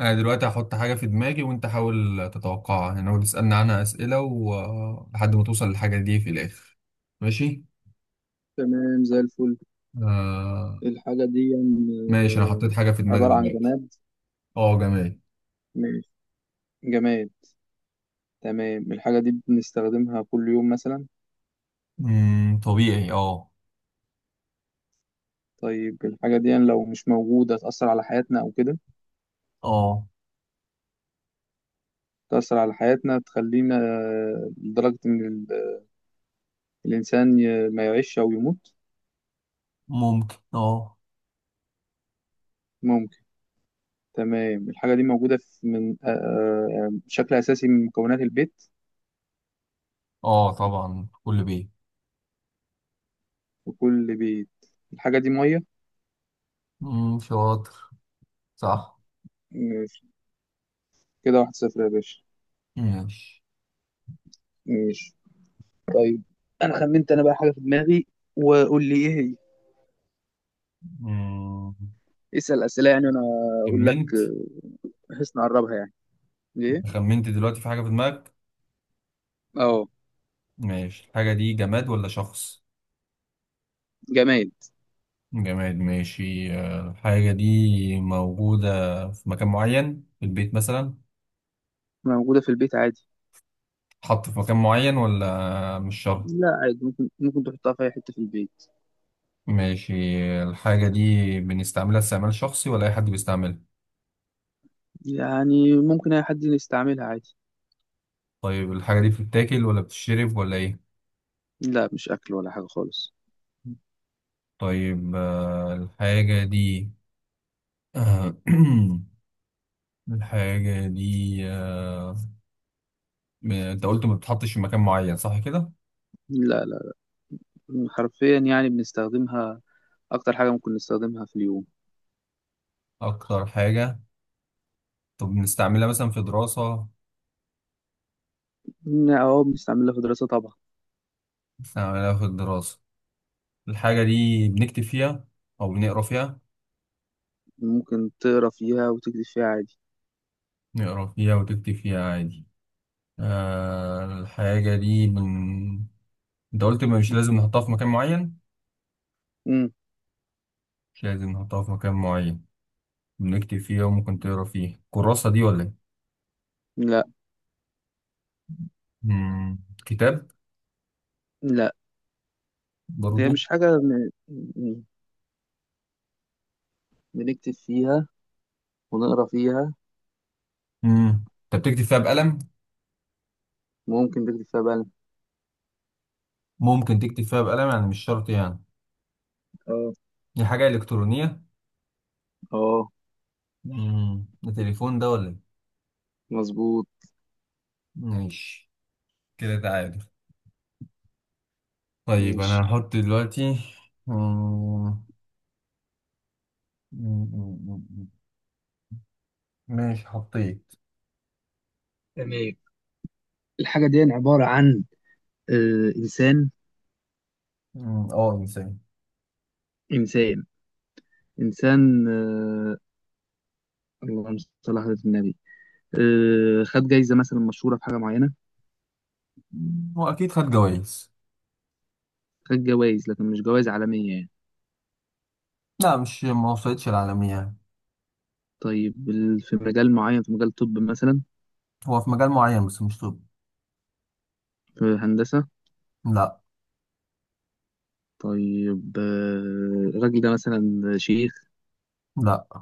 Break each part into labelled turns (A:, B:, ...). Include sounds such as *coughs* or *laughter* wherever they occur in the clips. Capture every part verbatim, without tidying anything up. A: انا دلوقتي هحط حاجة في دماغي وانت حاول تتوقعها، يعني هو تسألني عنها اسئلة ولحد ما توصل للحاجة دي في الاخر. ماشي.
B: تمام زي الفل.
A: آه...
B: الحاجة دي يعني،
A: ماشي، انا حطيت حاجة في
B: آه، عبارة
A: دماغي
B: عن
A: دلوقتي.
B: جماد.
A: اه جميل.
B: ماشي. جماد. تمام. الحاجة دي بنستخدمها كل يوم مثلا.
A: امم طبيعي اه.
B: طيب، الحاجة دي يعني لو مش موجودة تأثر على حياتنا أو كده.
A: اه
B: تأثر على حياتنا، تخلينا آه، لدرجة إن ال- الإنسان ي- ما يعيش أو يموت.
A: ممكن اه
B: ممكن. تمام. الحاجة دي موجودة في من آه، آه، بشكل أساسي من مكونات البيت.
A: اه طبعا كل بيه.
B: وكل بيت. الحاجة دي مية.
A: امم شاطر. صح.
B: ماشي. كده، واحد صفر يا باشا.
A: ماشي.
B: ماشي. طيب. انا خمنت، انا بقى حاجه في دماغي، وقول لي ايه هي.
A: امم
B: اسال اسئله يعني، وانا اقول لك،
A: خمنت.
B: آه، بحيث نقربها، يعني ايه.
A: خمنت دلوقتي في حاجة في دماغك.
B: اه.
A: ماشي، الحاجة دي جماد ولا شخص؟
B: جماد.
A: جماد. ماشي، آه، الحاجة دي موجودة في مكان معين في البيت مثلا؟
B: موجوده في البيت عادي.
A: حط في مكان معين ولا مش شرط؟
B: لا، عادي. ممكن ممكن تحطها في اي حته في البيت.
A: ماشي. الحاجة دي بنستعملها استعمال شخصي ولا أي حد بيستعملها؟
B: يعني ممكن اي حد يستعملها عادي.
A: طيب الحاجة دي بتتاكل ولا بتتشرب ولا إيه؟
B: لا، مش اكل ولا حاجه خالص.
A: طيب آه، الحاجة دي آه، *clears throat* الحاجة دي آه، ب- أنت قلت ما بتتحطش في مكان معين، صح كده؟
B: لا، لا، حرفيا يعني بنستخدمها. اكتر حاجه ممكن نستخدمها في اليوم.
A: أكتر حاجة. طب بنستعملها مثلا في دراسة؟
B: اه، بنستعملها في دراسه طبعا.
A: بنستعملها في الدراسة. الحاجة دي بنكتب فيها أو بنقرا فيها؟
B: ممكن تقرا فيها وتكتب فيها عادي.
A: نقرا فيها وتكتب فيها عادي. آه الحاجة دي بن... أنت قلت ما مش لازم نحطها في مكان معين.
B: امم
A: مش لازم نحطها في مكان معين. بنكتب فيها وممكن تقرا فيها، كراسة دي ولا إيه؟
B: لا،
A: مم، كتاب؟
B: لا، هي
A: برضو.
B: مش حاجة م- م- بنكتب فيها ونقرا فيها.
A: مم. أنت بتكتب فيها بقلم؟
B: ممكن نكتب فيها بقى.
A: ممكن تكتب فيها بقلم، يعني مش شرط يعني.
B: اه.
A: دي حاجة إلكترونية.
B: اه.
A: مم. ده تليفون ده ولا إيه؟
B: مظبوط.
A: ماشي، كده تعادل. طيب أنا
B: ماشي.
A: هحط دلوقتي. مم. مم، مم، مم. ماشي حطيت.
B: تمام. الحاجة دي عبارة عن آه إنسان.
A: مم، اه، انسان.
B: إنسان. إنسان. آه اللهم صل على حضرة النبي. آه خد جايزة مثلا مشهورة في حاجة معينة.
A: مم، هو اكيد خد جوائز.
B: خد جوائز لكن مش جوائز عالمية يعني.
A: لا مش ما وصلتش العالمية يعني.
B: طيب، ال- في مجال معين، في مجال طب مثلا.
A: هو في مجال معين بس مش طب.
B: في هندسة.
A: لا.
B: طيب، آه الراجل ده مثلا شيخ.
A: لا.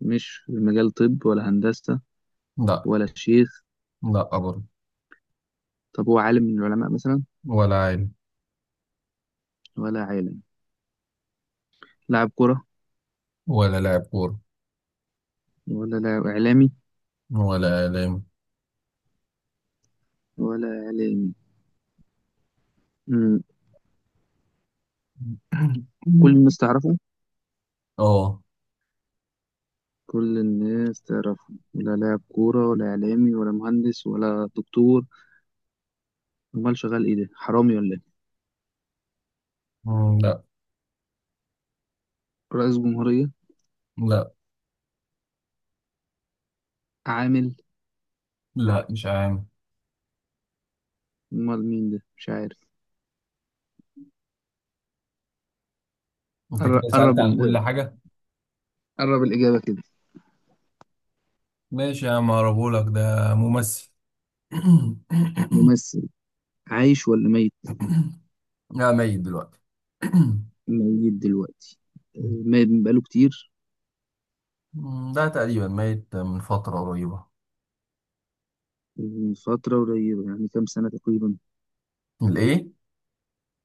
B: مش في مجال طب ولا هندسة.
A: لا.
B: ولا شيخ.
A: لا برضه.
B: طب هو عالم من العلماء مثلا؟
A: ولا عالم.
B: ولا عالم. لاعب كرة؟
A: ولا لاعب كورة.
B: ولا لاعب إعلامي.
A: ولا إعلام.
B: ولا إعلامي؟ مم. كل الناس
A: *clears throat* *coughs*
B: تعرفه.
A: اه.
B: كل الناس تعرفه، ولا لاعب كورة ولا إعلامي ولا مهندس ولا دكتور. أمال شغال إيه ده، حرامي ولا إيه؟
A: مم، لا.
B: رئيس جمهورية؟
A: لا.
B: عامل؟
A: لا مش عام.
B: أمال مين ده، مش عارف.
A: انت
B: قر-
A: كده سألت
B: قرب
A: عن
B: ال...
A: كل حاجة.
B: قرب الإجابة كده.
A: ماشي يا عم، هقربهولك، ده ممثل. *clears throat*
B: ممثل. عايش ولا ميت؟
A: *coughs* لا ميت دلوقتي. *clears throat*
B: ميت دلوقتي. آه،
A: *coughs*
B: ميت بقاله كتير.
A: مم، ده تقريبا ميت من فترة قريبة.
B: من فترة قريبة، يعني كام سنة تقريبا؟
A: الإيه؟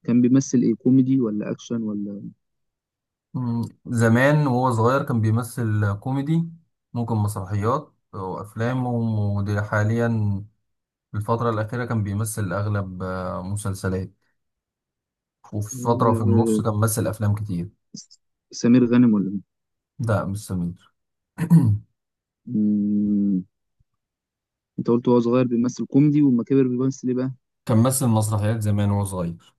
B: كان بيمثل إيه، كوميدي ولا أكشن ولا؟
A: مم، زمان وهو صغير كان بيمثل كوميدي، ممكن مسرحيات وأفلام، ودي حاليا في الفترة الأخيرة كان بيمثل أغلب آه، مسلسلات، وفي فترة في النص
B: آه،
A: كان مثل أفلام كتير.
B: سمير غانم ولا مين؟
A: ده مش سمير. *clears throat*
B: مم، أنت قلت وهو صغير بيمثل كوميدي، وأما كبر بيمثل إيه بقى؟
A: كان مثل مسرحيات زمان وهو صغير،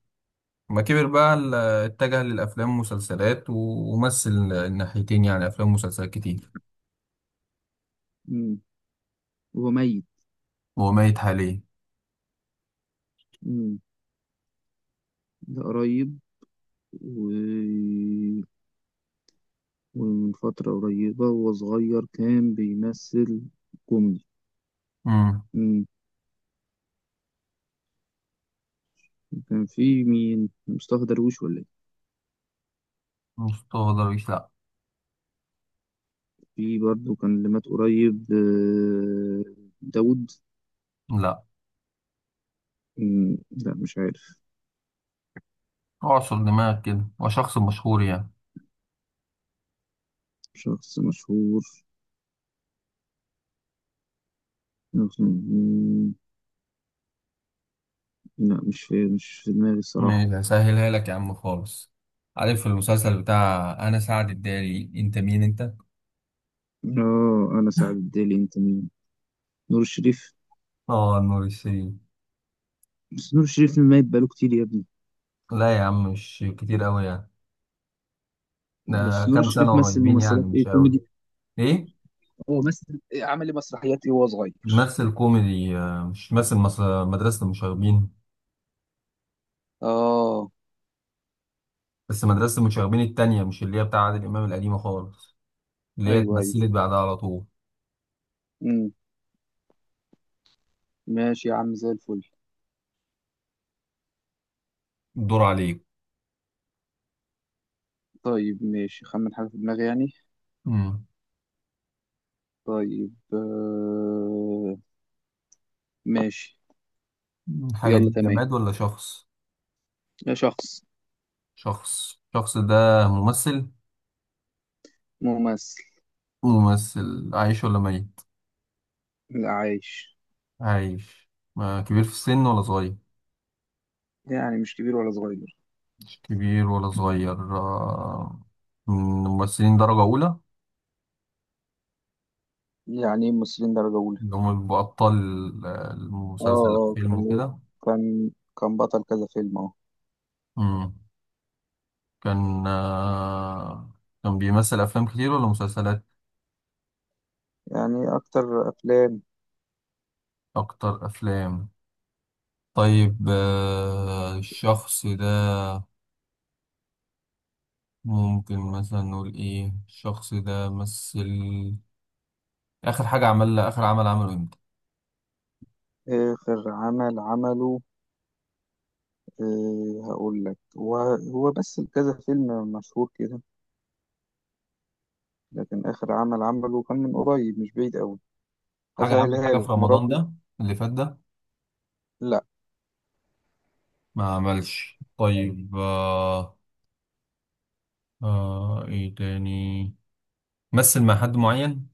A: ما كبر بقى ال- اتجه للأفلام والمسلسلات و- ومثل الناحيتين، يعني أفلام ومسلسلات كتير.
B: مم، وهو ميت.
A: وهو ميت حاليا.
B: مم، ده قريب. و... ومن فترة قريبة، وهو صغير، كان بيمثل كوميدي.
A: مم.
B: مم، كان في مين، مصطفى درويش ولا إيه؟
A: مصطفى درويش لأ.
B: في برضه كان اللي مات قريب، آه، داوود؟
A: لا.
B: مم، لا، مش عارف.
A: اعصر دماغك كده، هو شخص مشهور يعني.
B: شخص مشهور؟ لا، مش في مش في دماغي الصراحة.
A: ماشي هسهلها لك يا عم خالص، عارف المسلسل بتاع أنا سعد الدالي أنت مين أنت؟
B: اه، انا سعد الدالي، انت مين؟ نور الشريف.
A: اه نور الشريف.
B: بس نور الشريف ميت بقاله كتير يا ابني.
A: لا يا عم مش كتير قوي يعني.
B: بس
A: ده
B: نور
A: كام
B: الشريف
A: سنة
B: مثل
A: قريبين يعني
B: ممثلات
A: مش
B: ايه،
A: قوي.
B: كوميدي؟
A: ايه.
B: هو مثل إيه، عمل لي مسرحيات ايه وهو صغير؟
A: ممثل كوميدي، آه، مش ممثل مس- مدرسة المشاغبين.
B: اه.
A: بس مدرسة المشاغبين التانية، مش اللي هي بتاع عادل إمام القديمة خالص، اللي هي
B: ايوه، ايوه.
A: اتمثلت بعدها على طول.
B: امم ماشي يا عم، زي الفل.
A: الدور عليك.
B: طيب، ماشي، خمن حاجه في دماغي يعني.
A: امم
B: طيب، آه... ماشي.
A: الحاجة
B: يلا،
A: دي
B: تمام.
A: جماد ولا شخص؟
B: يا شخص.
A: شخص. الشخص ده ممثل؟
B: ممثل.
A: ممثل. عايش ولا ميت؟
B: لا، عايش.
A: عايش. ما كبير في السن ولا صغير؟
B: يعني مش كبير ولا صغير.
A: كبير ولا صغير، آه، من ممثلين درجة أولى؟
B: يعني إيه ممثلين درجه اولى؟
A: اللي هم بيبقوا أبطال آه،
B: اه.
A: المسلسل أو
B: اه
A: فيلم
B: كان
A: وكده.
B: كان كان بطل كذا فيلم. اه
A: مم. كان، آه، كان بيمثل أفلام كتير ولا مسلسلات؟
B: يعني اكتر افلام.
A: أكتر أفلام. طيب آه، الشخص ده ممكن مثلا نقول إيه، الشخص ده مثل، آخر حاجة عملها، آخر عمل عمله إمتى؟
B: اخر عمل عمله، إيه، هقول لك. هو هو بس كذا فيلم مشهور كده. لكن اخر عمل عمله كان من قريب، مش بعيد قوي.
A: حاجة عامل
B: اسهلها
A: حاجة في
B: لك،
A: رمضان
B: مراته.
A: ده اللي فات ده؟
B: لا.
A: ما عملش. طيب آه، آه إيه تاني. مثل مع حد معين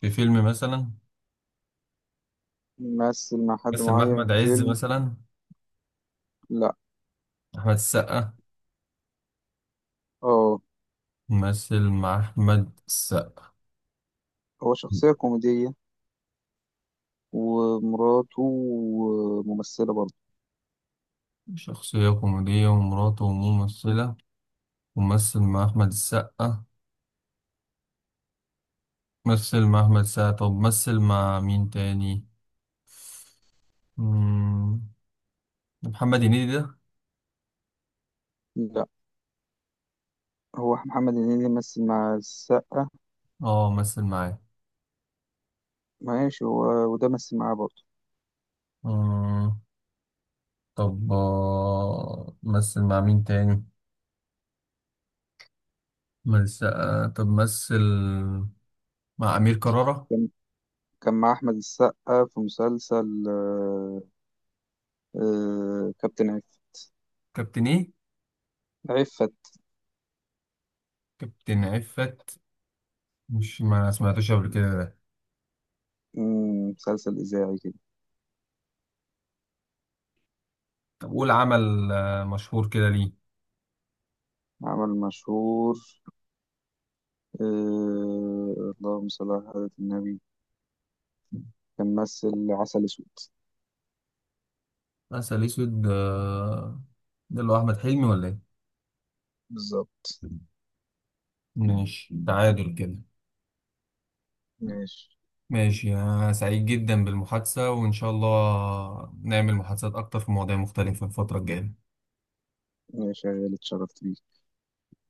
A: في فيلم مثلا؟
B: مثل مع حد
A: مثل مع
B: معين
A: أحمد
B: في
A: عز
B: فيلم.
A: مثلا؟
B: لا.
A: أحمد السقا؟
B: اه.
A: مثل مع أحمد السقا.
B: هو شخصية كوميدية، ومراته ممثلة برضه.
A: شخصية كوميدية ومراته ممثلة، ومثل مع أحمد السقا. مثل مع أحمد السقا، طب مثل مع مين تاني؟ مم، محمد هنيدي ده؟
B: لا، هو محمد هنيدي مثل مع السقا.
A: اه مثل
B: ماشي، هو. وده مثل معاه برضه.
A: معاه. طب آه، مثل مع مين تاني؟ مثل آه، طب مثل مع أمير كرارة.
B: كان مع أحمد السقا في مسلسل آه، آه، كابتن عف
A: كابتن إيه؟
B: عفت.
A: كابتن عفت. مش ما سمعتوش قبل كده ده.
B: مم، مسلسل إذاعي كده.
A: طب قول عمل آه، مشهور كده ليه.
B: عمل مشهور. آه، اللهم صل على حضرة النبي. كان ممثل عسل أسود.
A: عسل أسود، آه، ده اللي هو أحمد حلمي ولا إيه؟
B: بالظبط.
A: ماشي، تعادل كده.
B: ماشي.
A: ماشي، أنا سعيد جدا بالمحادثة وإن شاء الله نعمل محادثات أكتر في مواضيع مختلفة الفترة الجاية.
B: ماشي يا غالي، اتشرفت بيك.